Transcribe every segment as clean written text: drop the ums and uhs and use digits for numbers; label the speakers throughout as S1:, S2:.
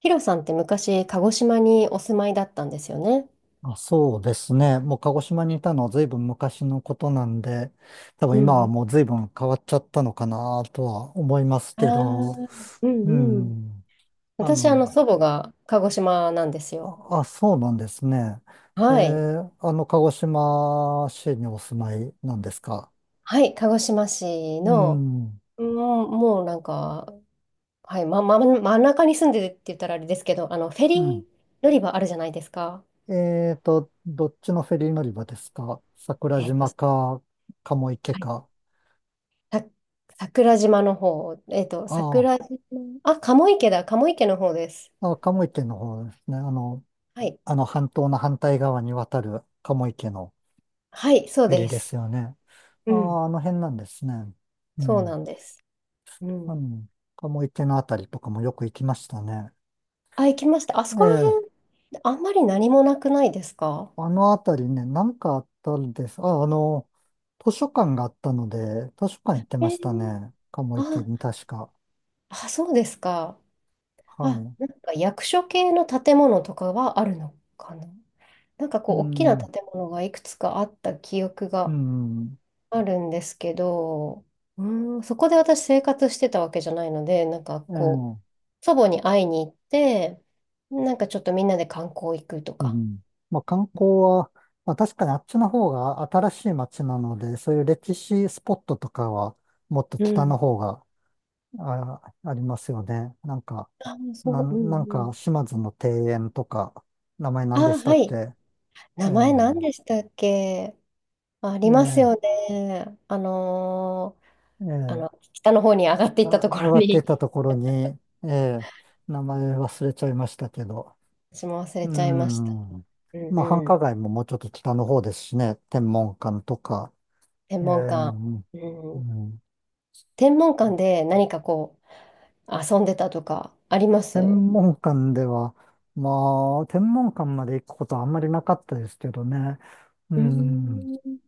S1: ヒロさんって昔、鹿児島にお住まいだったんですよね。
S2: あ、そうですね。もう鹿児島にいたのは随分昔のことなんで、多分
S1: う
S2: 今は
S1: ん。
S2: もう随分変わっちゃったのかなとは思います
S1: ああ。
S2: けど、
S1: う
S2: う
S1: んうん。
S2: ん。あ
S1: 私、
S2: の、
S1: 祖母が鹿児島なんですよ。
S2: あ、そうなんですね。
S1: はい。
S2: 鹿児島市にお住まいなんですか。
S1: はい、鹿児島市
S2: う
S1: の、
S2: ん。
S1: もうなんか、はい、ま、真ん中に住んでるって言ったらあれですけど、フェ
S2: う
S1: リ
S2: ん。
S1: ー乗り場あるじゃないですか。
S2: えーと、どっちのフェリー乗り場ですか、桜
S1: えっと、
S2: 島か、鴨池
S1: はい、
S2: か。
S1: さ、桜島の方、
S2: あ
S1: 桜島、あ、鴨池だ、鴨池の方です。
S2: あ、あ、鴨池の方ですね。
S1: はい。
S2: あの半島の反対側に渡る鴨池の
S1: はい、そう
S2: フェリー
S1: で
S2: です
S1: す。
S2: よね。
S1: う
S2: あ
S1: ん。
S2: あ、あの辺なんですね。う
S1: そうな
S2: ん。
S1: んです。う
S2: う
S1: ん。
S2: ん。鴨池のあたりとかもよく行きましたね。
S1: あ、行きました。あそ
S2: え
S1: こら辺、
S2: え。
S1: あんまり何もなくないですか？
S2: あのあたりね、なんかあったんです。図書館があったので、図書館行って
S1: え
S2: ました
S1: ー、
S2: ね。鴨池
S1: あ、
S2: に確か。
S1: あ、そうですか。
S2: は
S1: あ、
S2: い。
S1: なんか役所系の建物とかはあるのかな。なんか
S2: う
S1: こう、大きな
S2: ん。
S1: 建物がいくつかあった記憶
S2: う
S1: が
S2: ん。
S1: あるんですけど、うそこで私生活してたわけじゃないので、なんか
S2: え
S1: こう、
S2: え。
S1: 祖母に会いに行って、なんかちょっとみんなで観光行くと
S2: う
S1: か。
S2: ん。まあ、観光は、まあ、確かにあっちの方が新しい街なので、そういう歴史スポットとかはもっと
S1: う
S2: 北の
S1: ん。
S2: 方がありますよね。
S1: あ、そう、う
S2: な
S1: ん
S2: ん
S1: う
S2: か
S1: ん。
S2: 島津の庭園とか、名前
S1: あ、
S2: 何でした
S1: は
S2: っけ？
S1: い。名
S2: え
S1: 前何でしたっけ？あります
S2: え
S1: よ
S2: え
S1: ね。あ
S2: ええ
S1: の、北の方に上がってい
S2: あ、
S1: ったとこ
S2: 上
S1: ろ
S2: がってた
S1: に、
S2: ところに、ええ名前忘れちゃいましたけど。
S1: 私も忘れ
S2: う
S1: ちゃいました。
S2: ん。
S1: うん
S2: まあ、繁
S1: う
S2: 華
S1: ん。
S2: 街ももうちょっと北の方ですしね、天文館とか。
S1: 天
S2: え
S1: 文館。
S2: え
S1: う
S2: う
S1: ん。
S2: ん
S1: 天文館で何かこう、遊んでたとかあります？う
S2: 天文館では、まあ、天文館まで行くことはあんまりなかったですけどね。う
S1: ー
S2: ん。
S1: ん。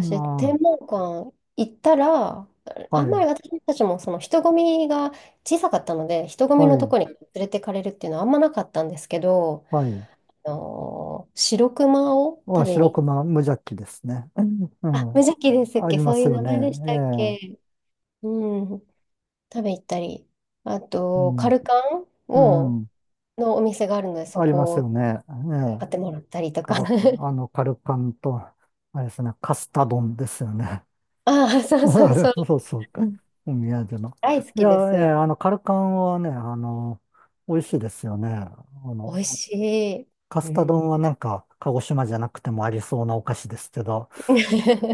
S2: ま
S1: 天文館行ったら、
S2: あ、
S1: あ
S2: は
S1: んまり
S2: い、
S1: 私たちもその人混みが小さかったので、人混み
S2: は
S1: のと
S2: い、
S1: こに連れてかれるっていうのはあんまなかったんですけど、
S2: はい。
S1: あの白熊を
S2: ま
S1: 食
S2: あ、
S1: べ
S2: 白
S1: に行っ、
S2: 熊無邪気ですね。う
S1: あ、
S2: ん。う
S1: 無
S2: ん、
S1: 邪気ですっ
S2: あり
S1: け？
S2: ま
S1: そう
S2: す
S1: いう
S2: よ
S1: 名
S2: ね。
S1: 前でしたっけ？
S2: え
S1: うん。食べ行ったり。あ
S2: え。う
S1: と、カ
S2: ん。
S1: ルカン
S2: う
S1: を、
S2: ん。
S1: のお店があるので、そ
S2: あります
S1: こ
S2: よ
S1: を
S2: ね。ええ。
S1: 買ってもらったりと
S2: カ
S1: か。
S2: ル、あの、カルパンと、あれですね、カスタ丼ですよね。
S1: ああ、そう そ
S2: あ
S1: う
S2: れ、
S1: そう。
S2: そうそうか。お宮産の。
S1: 大好
S2: い
S1: き
S2: や、
S1: で
S2: ええ、
S1: す。
S2: カルカンはね、あの、美味しいですよね。あ
S1: 美
S2: の、
S1: 味しい。
S2: カ
S1: う
S2: スタ
S1: ん。
S2: 丼はなんか、鹿児島じゃなくてもありそうなお菓子ですけど。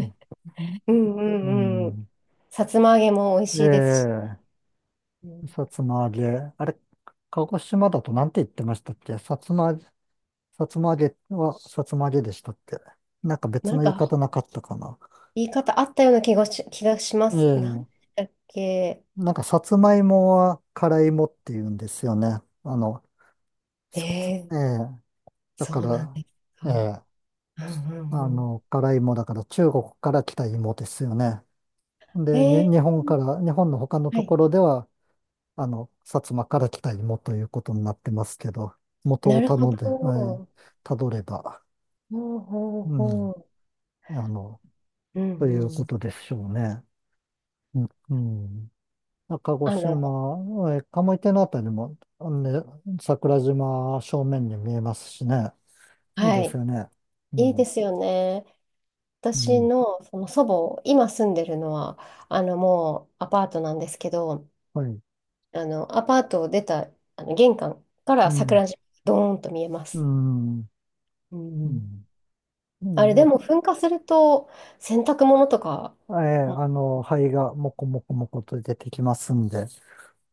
S2: う ん。
S1: うんう
S2: う
S1: んうん。
S2: ん、
S1: さつま揚げも美味しいですし。
S2: え
S1: う
S2: え、
S1: ん。
S2: さつま揚げ。あれ、鹿児島だとなんて言ってましたっけ？さつま揚げはさつま揚げでしたっけ？なんか
S1: な
S2: 別の
S1: ん
S2: 言い方
S1: か、
S2: なかったかな。
S1: 言い方あったような気がします。なん
S2: ええ
S1: だっけ？
S2: なんかさつまいもは辛いもって言うんですよね。あの、
S1: え
S2: さつ、
S1: ー、
S2: ええだ
S1: そ
S2: か
S1: うなん
S2: ら、
S1: ですか。
S2: ええ
S1: うんうんう
S2: あ
S1: ん。
S2: の、辛いもだから中国から来た芋ですよね。で、
S1: え
S2: 日
S1: ー、
S2: 本から、日本の他の
S1: は
S2: と
S1: い。
S2: ころでは、あの、薩摩から来た芋ということになってますけど、元
S1: な
S2: を
S1: る
S2: た
S1: ほ
S2: の
S1: ど。
S2: で、えー、
S1: ほ
S2: たどれば、
S1: うほう
S2: う
S1: ほ
S2: ん、
S1: う。
S2: あの、
S1: う
S2: という
S1: んう
S2: こ
S1: ん。
S2: とでしょうね。うん。うん、鹿児
S1: あの、
S2: 島、えー、鴨池のあたりも、あのね、桜島正面に見えますしね。いい
S1: は
S2: です
S1: い。
S2: よね。う
S1: いいで
S2: ん、
S1: すよね。
S2: う
S1: 私
S2: ん、
S1: の、その祖母、今住んでるのは、もうアパートなんですけど、
S2: はい、
S1: アパートを出た、玄関か
S2: う
S1: ら
S2: ん、
S1: 桜島、ドーンと見えま
S2: う
S1: す。
S2: ん、う
S1: うんうん。
S2: ん。う
S1: あ
S2: ん、
S1: れ、
S2: や
S1: で
S2: っ
S1: も噴火すると、洗濯物とか
S2: ぱえー
S1: も
S2: あの、灰がもこもこもこと出てきますんで。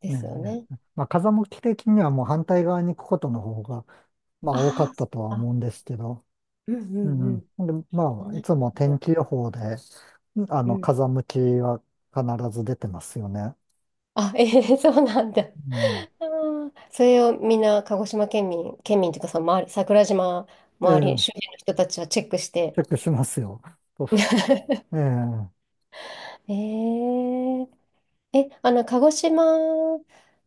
S1: で
S2: ね
S1: すよね。
S2: え。まあ、風向き的にはもう反対側に行くことの方が、まあ、多か
S1: あ
S2: っ
S1: あ、
S2: た
S1: そっ
S2: とは思
S1: か。
S2: うんですけど、
S1: うんう
S2: う
S1: んう
S2: ん。で、
S1: ん。そ
S2: ま
S1: ん
S2: あ、い
S1: なこ
S2: つも天
S1: と。
S2: 気予報で、あ
S1: う
S2: の、
S1: ん。
S2: 風向きは必ず出てますよね。
S1: あ、ええ、そうなんだ。
S2: うん。
S1: あー、それをみんな鹿児島県民、県民というかその周り、桜島
S2: え
S1: 周り、
S2: え、
S1: 周辺の人たちはチェックして。
S2: チェックしますよ。と ええ、
S1: えー、え、あの、鹿児島、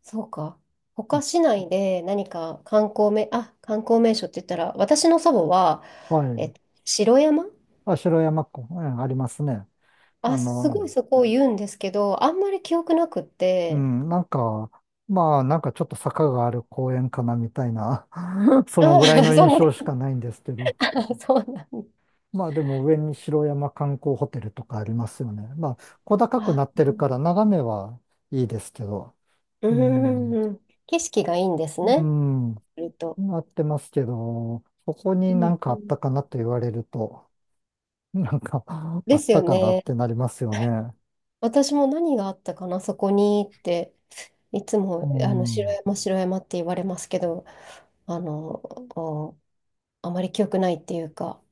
S1: そうか、他市内で何か観光名、あ、観光名所って言ったら、私の祖母は、
S2: はい。
S1: 城山、
S2: あ、城山湖、ええ、ありますね。あ
S1: あ、す
S2: の、
S1: ごいそこを言うんですけど、あんまり記憶なくっ
S2: う
S1: て、
S2: ん、なんか、まあ、なんかちょっと坂がある公園かなみたいな、その
S1: あ、
S2: ぐらいの
S1: そ
S2: 印
S1: んな、
S2: 象しかないんですけど、
S1: あ、そうなん。
S2: まあでも上に城山観光ホテルとかありますよね。まあ小高く
S1: あ、
S2: なってるから眺めはいいですけど。
S1: う
S2: う
S1: んうん
S2: ん。
S1: うん、景色がいいんです
S2: う
S1: ね。
S2: ん。
S1: すると。
S2: なってますけど、ここに
S1: う
S2: な
S1: ん
S2: ん
S1: う
S2: かあっ
S1: ん、
S2: たかなと言われると、なんか あ
S1: で
S2: っ
S1: すよ
S2: たかなっ
S1: ね。
S2: てなりますよね。
S1: 私も何があったかな、そこにって、いつ
S2: う
S1: も、あの、白
S2: ん。
S1: 山、白山って言われますけど、あの、おあまり記憶ないっていうか、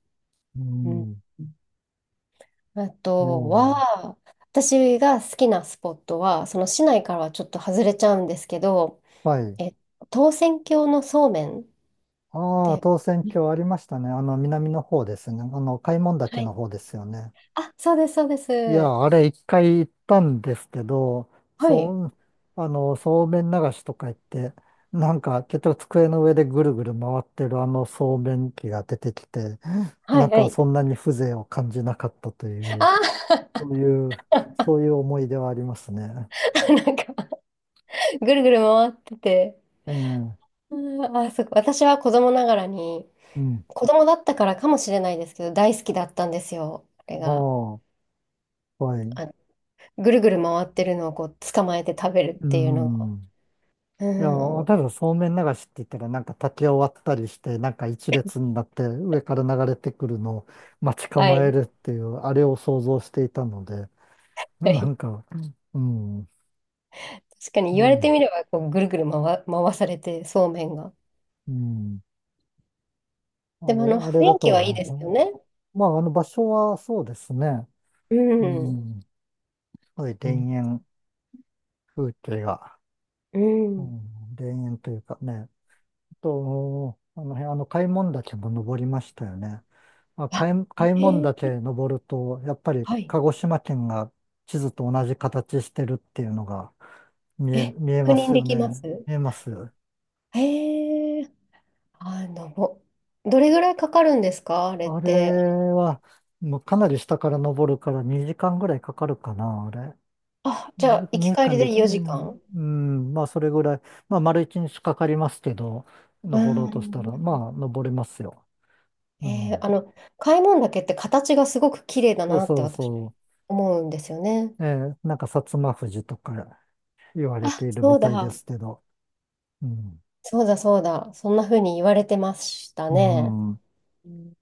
S2: う
S1: うん。
S2: ん。
S1: あと
S2: も
S1: は、私が好きなスポットは、その市内からはちょっと外れちゃうんですけど、
S2: う、はい。
S1: え、唐船峡のそうめんっ
S2: ああ、
S1: て、
S2: 当選挙ありましたね。あの南の方ですね。あの開聞
S1: は
S2: 岳の
S1: い。
S2: 方ですよね。
S1: あ、そうです、そうです。
S2: いや、あれ一回行ったんですけど、
S1: はい。
S2: そう、あの、そうめん流しとか言って、なんか結局机の上でぐるぐる回ってるあのそうめん機が出てきて、
S1: は
S2: な
S1: い、
S2: ん
S1: は
S2: か
S1: い。
S2: そんなに風情を感じなかったという、
S1: あ
S2: そういう、そういう思い出はありますね。
S1: ー、 なんか、ぐるぐる回ってて、
S2: ええ、
S1: あー、あそこ私は子供ながらに、
S2: うん。
S1: 子供だったからかもしれないですけど、大好きだったんですよ。あ
S2: あ
S1: れが。
S2: あ、はい。
S1: あの、ぐるぐる回ってるのをこう捕まえて食べるっ
S2: う
S1: ていうのが。
S2: ん。いや、
S1: うん。
S2: ただそうめん流しって言ったら、なんか竹を割ったりして、なんか一列になって上から流れてくるのを待ち
S1: は
S2: 構え
S1: い。
S2: るっていう、あれを想像していたので、
S1: は
S2: な
S1: い。
S2: んか、うん、
S1: 確かに
S2: う
S1: 言われて
S2: ん、
S1: みれば、こうぐるぐる回されて、そうめんが。
S2: うん、
S1: でもあの
S2: あれ
S1: 雰
S2: だ
S1: 囲気はいい
S2: と、
S1: ですよね。
S2: まあ、あの場所はそうですね、
S1: う
S2: う
S1: ん。
S2: ん、すごい
S1: う
S2: 田
S1: ん
S2: 園風景が、
S1: う
S2: う
S1: ん。
S2: ん、田園というかね、あの辺、あの、開聞岳も登りましたよね。
S1: あ、
S2: 開聞
S1: え
S2: 岳
S1: ー、
S2: 登ると、やっぱり
S1: はい。
S2: 鹿児島県が地図と同じ形してるっていうのが
S1: え、
S2: 見え
S1: 確
S2: ま
S1: 認
S2: す
S1: で
S2: よ
S1: きま
S2: ね。
S1: す？
S2: 見えます。あ
S1: えー、あの、どれぐらいかかるんですかあれっ
S2: れ
S1: て。
S2: は、もうかなり下から登るから2時間ぐらいかかるかな、あれ。
S1: あ、じゃあ、行き
S2: 2
S1: 帰
S2: 時
S1: り
S2: 間で、
S1: で
S2: う
S1: 4時
S2: ん
S1: 間。
S2: うん、まあそれぐらい、まあ丸一日かかりますけど、
S1: う
S2: 登ろうとし
S1: ん。
S2: たら、まあ登れますよ。う
S1: えー、
S2: ん。
S1: あの、開聞岳って形がすごく綺麗だ
S2: そう
S1: なって
S2: そう
S1: 私
S2: そう。
S1: 思うんですよね。
S2: えーなんか薩摩富士とか言わ
S1: あ、
S2: れている
S1: そ
S2: み
S1: う
S2: たいで
S1: だ。
S2: すけど、うん。
S1: そうだ、そうだ。そんな風に言われてました
S2: う
S1: ね。
S2: ん。
S1: うん。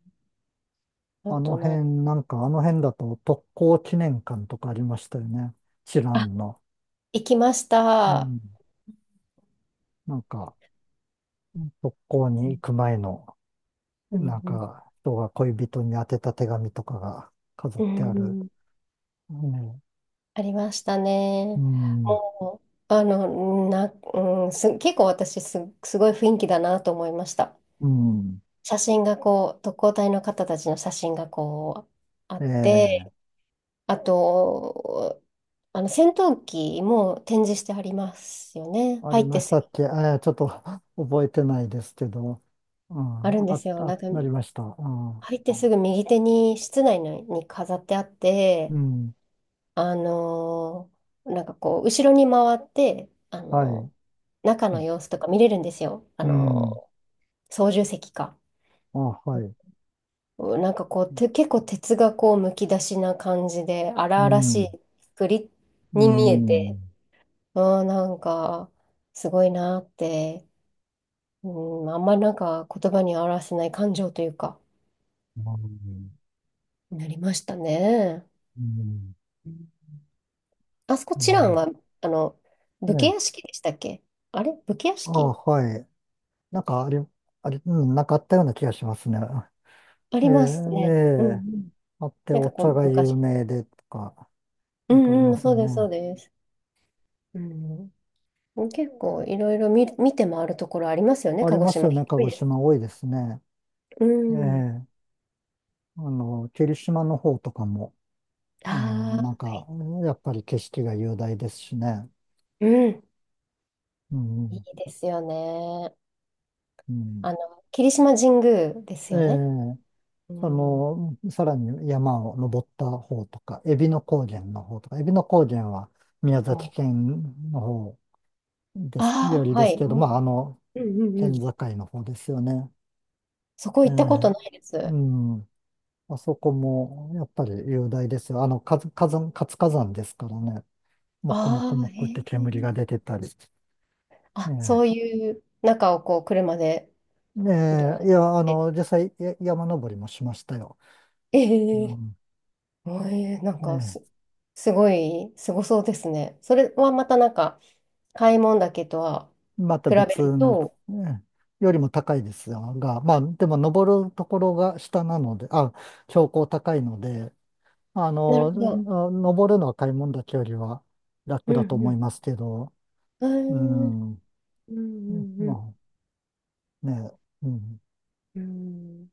S1: あ
S2: あの
S1: とな、
S2: 辺、なんかあの辺だと特攻記念館とかありましたよね。知
S1: あ、
S2: 覧の。
S1: 行きまし
S2: う
S1: た。
S2: ん。なんか、特攻
S1: う
S2: に行
S1: ん
S2: く前の、
S1: う
S2: なん
S1: ん
S2: か、人が恋人に宛てた手紙とかが飾
S1: う
S2: っ
S1: ん、
S2: てある。
S1: うん。
S2: ね、
S1: ありました
S2: う
S1: ね。
S2: ん。
S1: もう、な、うん、結構私、すごい雰囲気だなと思いました。
S2: うん。
S1: 写真がこう、特攻隊の方たちの写真がこう、あっ
S2: え
S1: て、
S2: え、
S1: あと、あの戦闘機も展示してありますよね。
S2: あ
S1: 入
S2: り
S1: って
S2: まし
S1: す
S2: た
S1: ぐ、
S2: っけ？ちょっと 覚えてないですけど。う
S1: あ
S2: ん。
S1: るんで
S2: あ、
S1: すよ。
S2: あ、
S1: なんか、
S2: なりました。うん。
S1: 入ってすぐ右手に室内のに飾ってあっ
S2: う
S1: て、
S2: ん、
S1: あのなんかこう、後ろに回って、
S2: はい。
S1: 中の様子とか見れるんですよ。
S2: うん。
S1: 操縦席か。
S2: あ、はい。
S1: なんかこう、結構哲学をむき出しな感じで、
S2: う
S1: 荒々しい
S2: ん。
S1: 作り
S2: う
S1: に見え
S2: ん。う
S1: て、
S2: ん。
S1: あー、なんか、すごいなーって、うん、まあんまりなんか言葉に表せない感情というか、なりましたね。
S2: うん。
S1: あそこ、チ
S2: ま
S1: ランは、あの、
S2: あ、
S1: 武家
S2: ね。
S1: 屋敷でしたっけ？あれ、武家屋
S2: あ、
S1: 敷
S2: はい。なんかあり、あり、うん、なんかあったような気がしますね。
S1: あ
S2: ええ、
S1: ります
S2: え
S1: ね。うんう
S2: え。
S1: ん。
S2: あって、
S1: なんか
S2: お
S1: こ
S2: 茶
S1: う、
S2: が有
S1: 昔。
S2: 名でとか、
S1: う
S2: なんかあり
S1: ん
S2: ま
S1: うん、
S2: す
S1: そ
S2: よ
S1: うです、そ
S2: ね。
S1: うです。うん、結構いろいろ見て回るところありますよね、
S2: あ
S1: 鹿
S2: り
S1: 児
S2: ます
S1: 島。
S2: よ
S1: 広
S2: ね。鹿
S1: い
S2: 児
S1: です。
S2: 島多いですね。
S1: う
S2: え
S1: ん。
S2: え。あの、霧島の方とかも、うん、
S1: あ
S2: なん
S1: あ、は
S2: か、
S1: い。
S2: やっぱり景色が雄大ですしね。
S1: うん。
S2: う
S1: いい
S2: ん。
S1: ですよね。
S2: うん。
S1: あの、霧島神宮です
S2: え
S1: よね。
S2: え。
S1: う
S2: そ
S1: ん。
S2: の、さらに山を登った方とか、海老野高原の方とか、海老野高原は宮崎
S1: お
S2: 県の方です、
S1: あ
S2: よ
S1: あ、
S2: りで
S1: は
S2: す
S1: い。
S2: けど、まあ、あ
S1: も
S2: の、
S1: うんうんうんう
S2: 県
S1: ん。
S2: 境の方ですよね。
S1: そこ
S2: え
S1: 行ったこと
S2: え。
S1: ないで
S2: う
S1: す。
S2: ん。あそこも、やっぱり雄大ですよ。あの、活火山ですからね。もくもく
S1: ああ、
S2: もくって
S1: へ
S2: 煙
S1: え。
S2: が出てたり。え
S1: あ、
S2: え。
S1: そういう中をこう車でドライ
S2: え
S1: ブ
S2: え、いや、あ
S1: して。
S2: の、実際、山登りもしましたよ。
S1: え
S2: う
S1: え。
S2: ん。
S1: なん
S2: え
S1: か
S2: え。
S1: すごい、すごそうですね。それはまたなんか、買い物だけとは
S2: また
S1: 比べ
S2: 別
S1: る
S2: の、
S1: と、
S2: ねよりも高いですが、まあ、でも登るところが下なので、あ、標高高いので、あ
S1: なる
S2: の、
S1: ほど。
S2: の登るのは買い物だけよりは
S1: う
S2: 楽だと
S1: んう
S2: 思い
S1: ん。
S2: ますけど、
S1: う
S2: う
S1: ん
S2: ん、
S1: うんう
S2: ま
S1: ん
S2: あね、うん、
S1: うん。うん。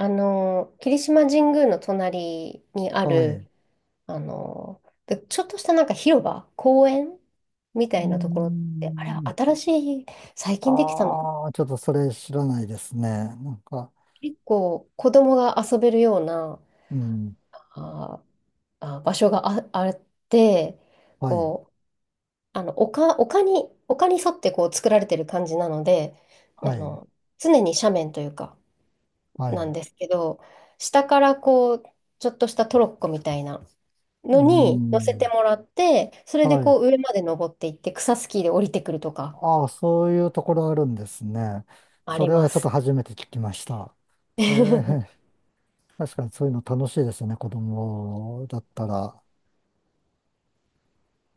S1: あの、霧島神宮の隣にあ
S2: はい。う
S1: る、あの、でちょっとしたなんか広場、公園みた
S2: ー
S1: いなところって、あれは
S2: ん、
S1: 新しい、最近できたのかな。
S2: ああ、ちょっとそれ知らないですね。なんか、
S1: 結構子供が遊べるような、
S2: うん、
S1: ああ、場所があって、
S2: はい、
S1: こう、丘に沿ってこう作られてる感じなので、あ
S2: はい、
S1: の、常に斜面というか、
S2: はい、
S1: なん
S2: う
S1: ですけど、下からこう、ちょっとしたトロッコみたいな
S2: ー
S1: のに乗せて
S2: ん、
S1: もらって、それで
S2: はい。
S1: こう上まで登っていって、草スキーで降りてくるとか
S2: ああ、そういうところあるんですね。
S1: あ
S2: そ
S1: り
S2: れ
S1: ま
S2: はちょっと
S1: す。
S2: 初めて聞きました。ええ、確かにそういうの楽しいですよね。子供だったら。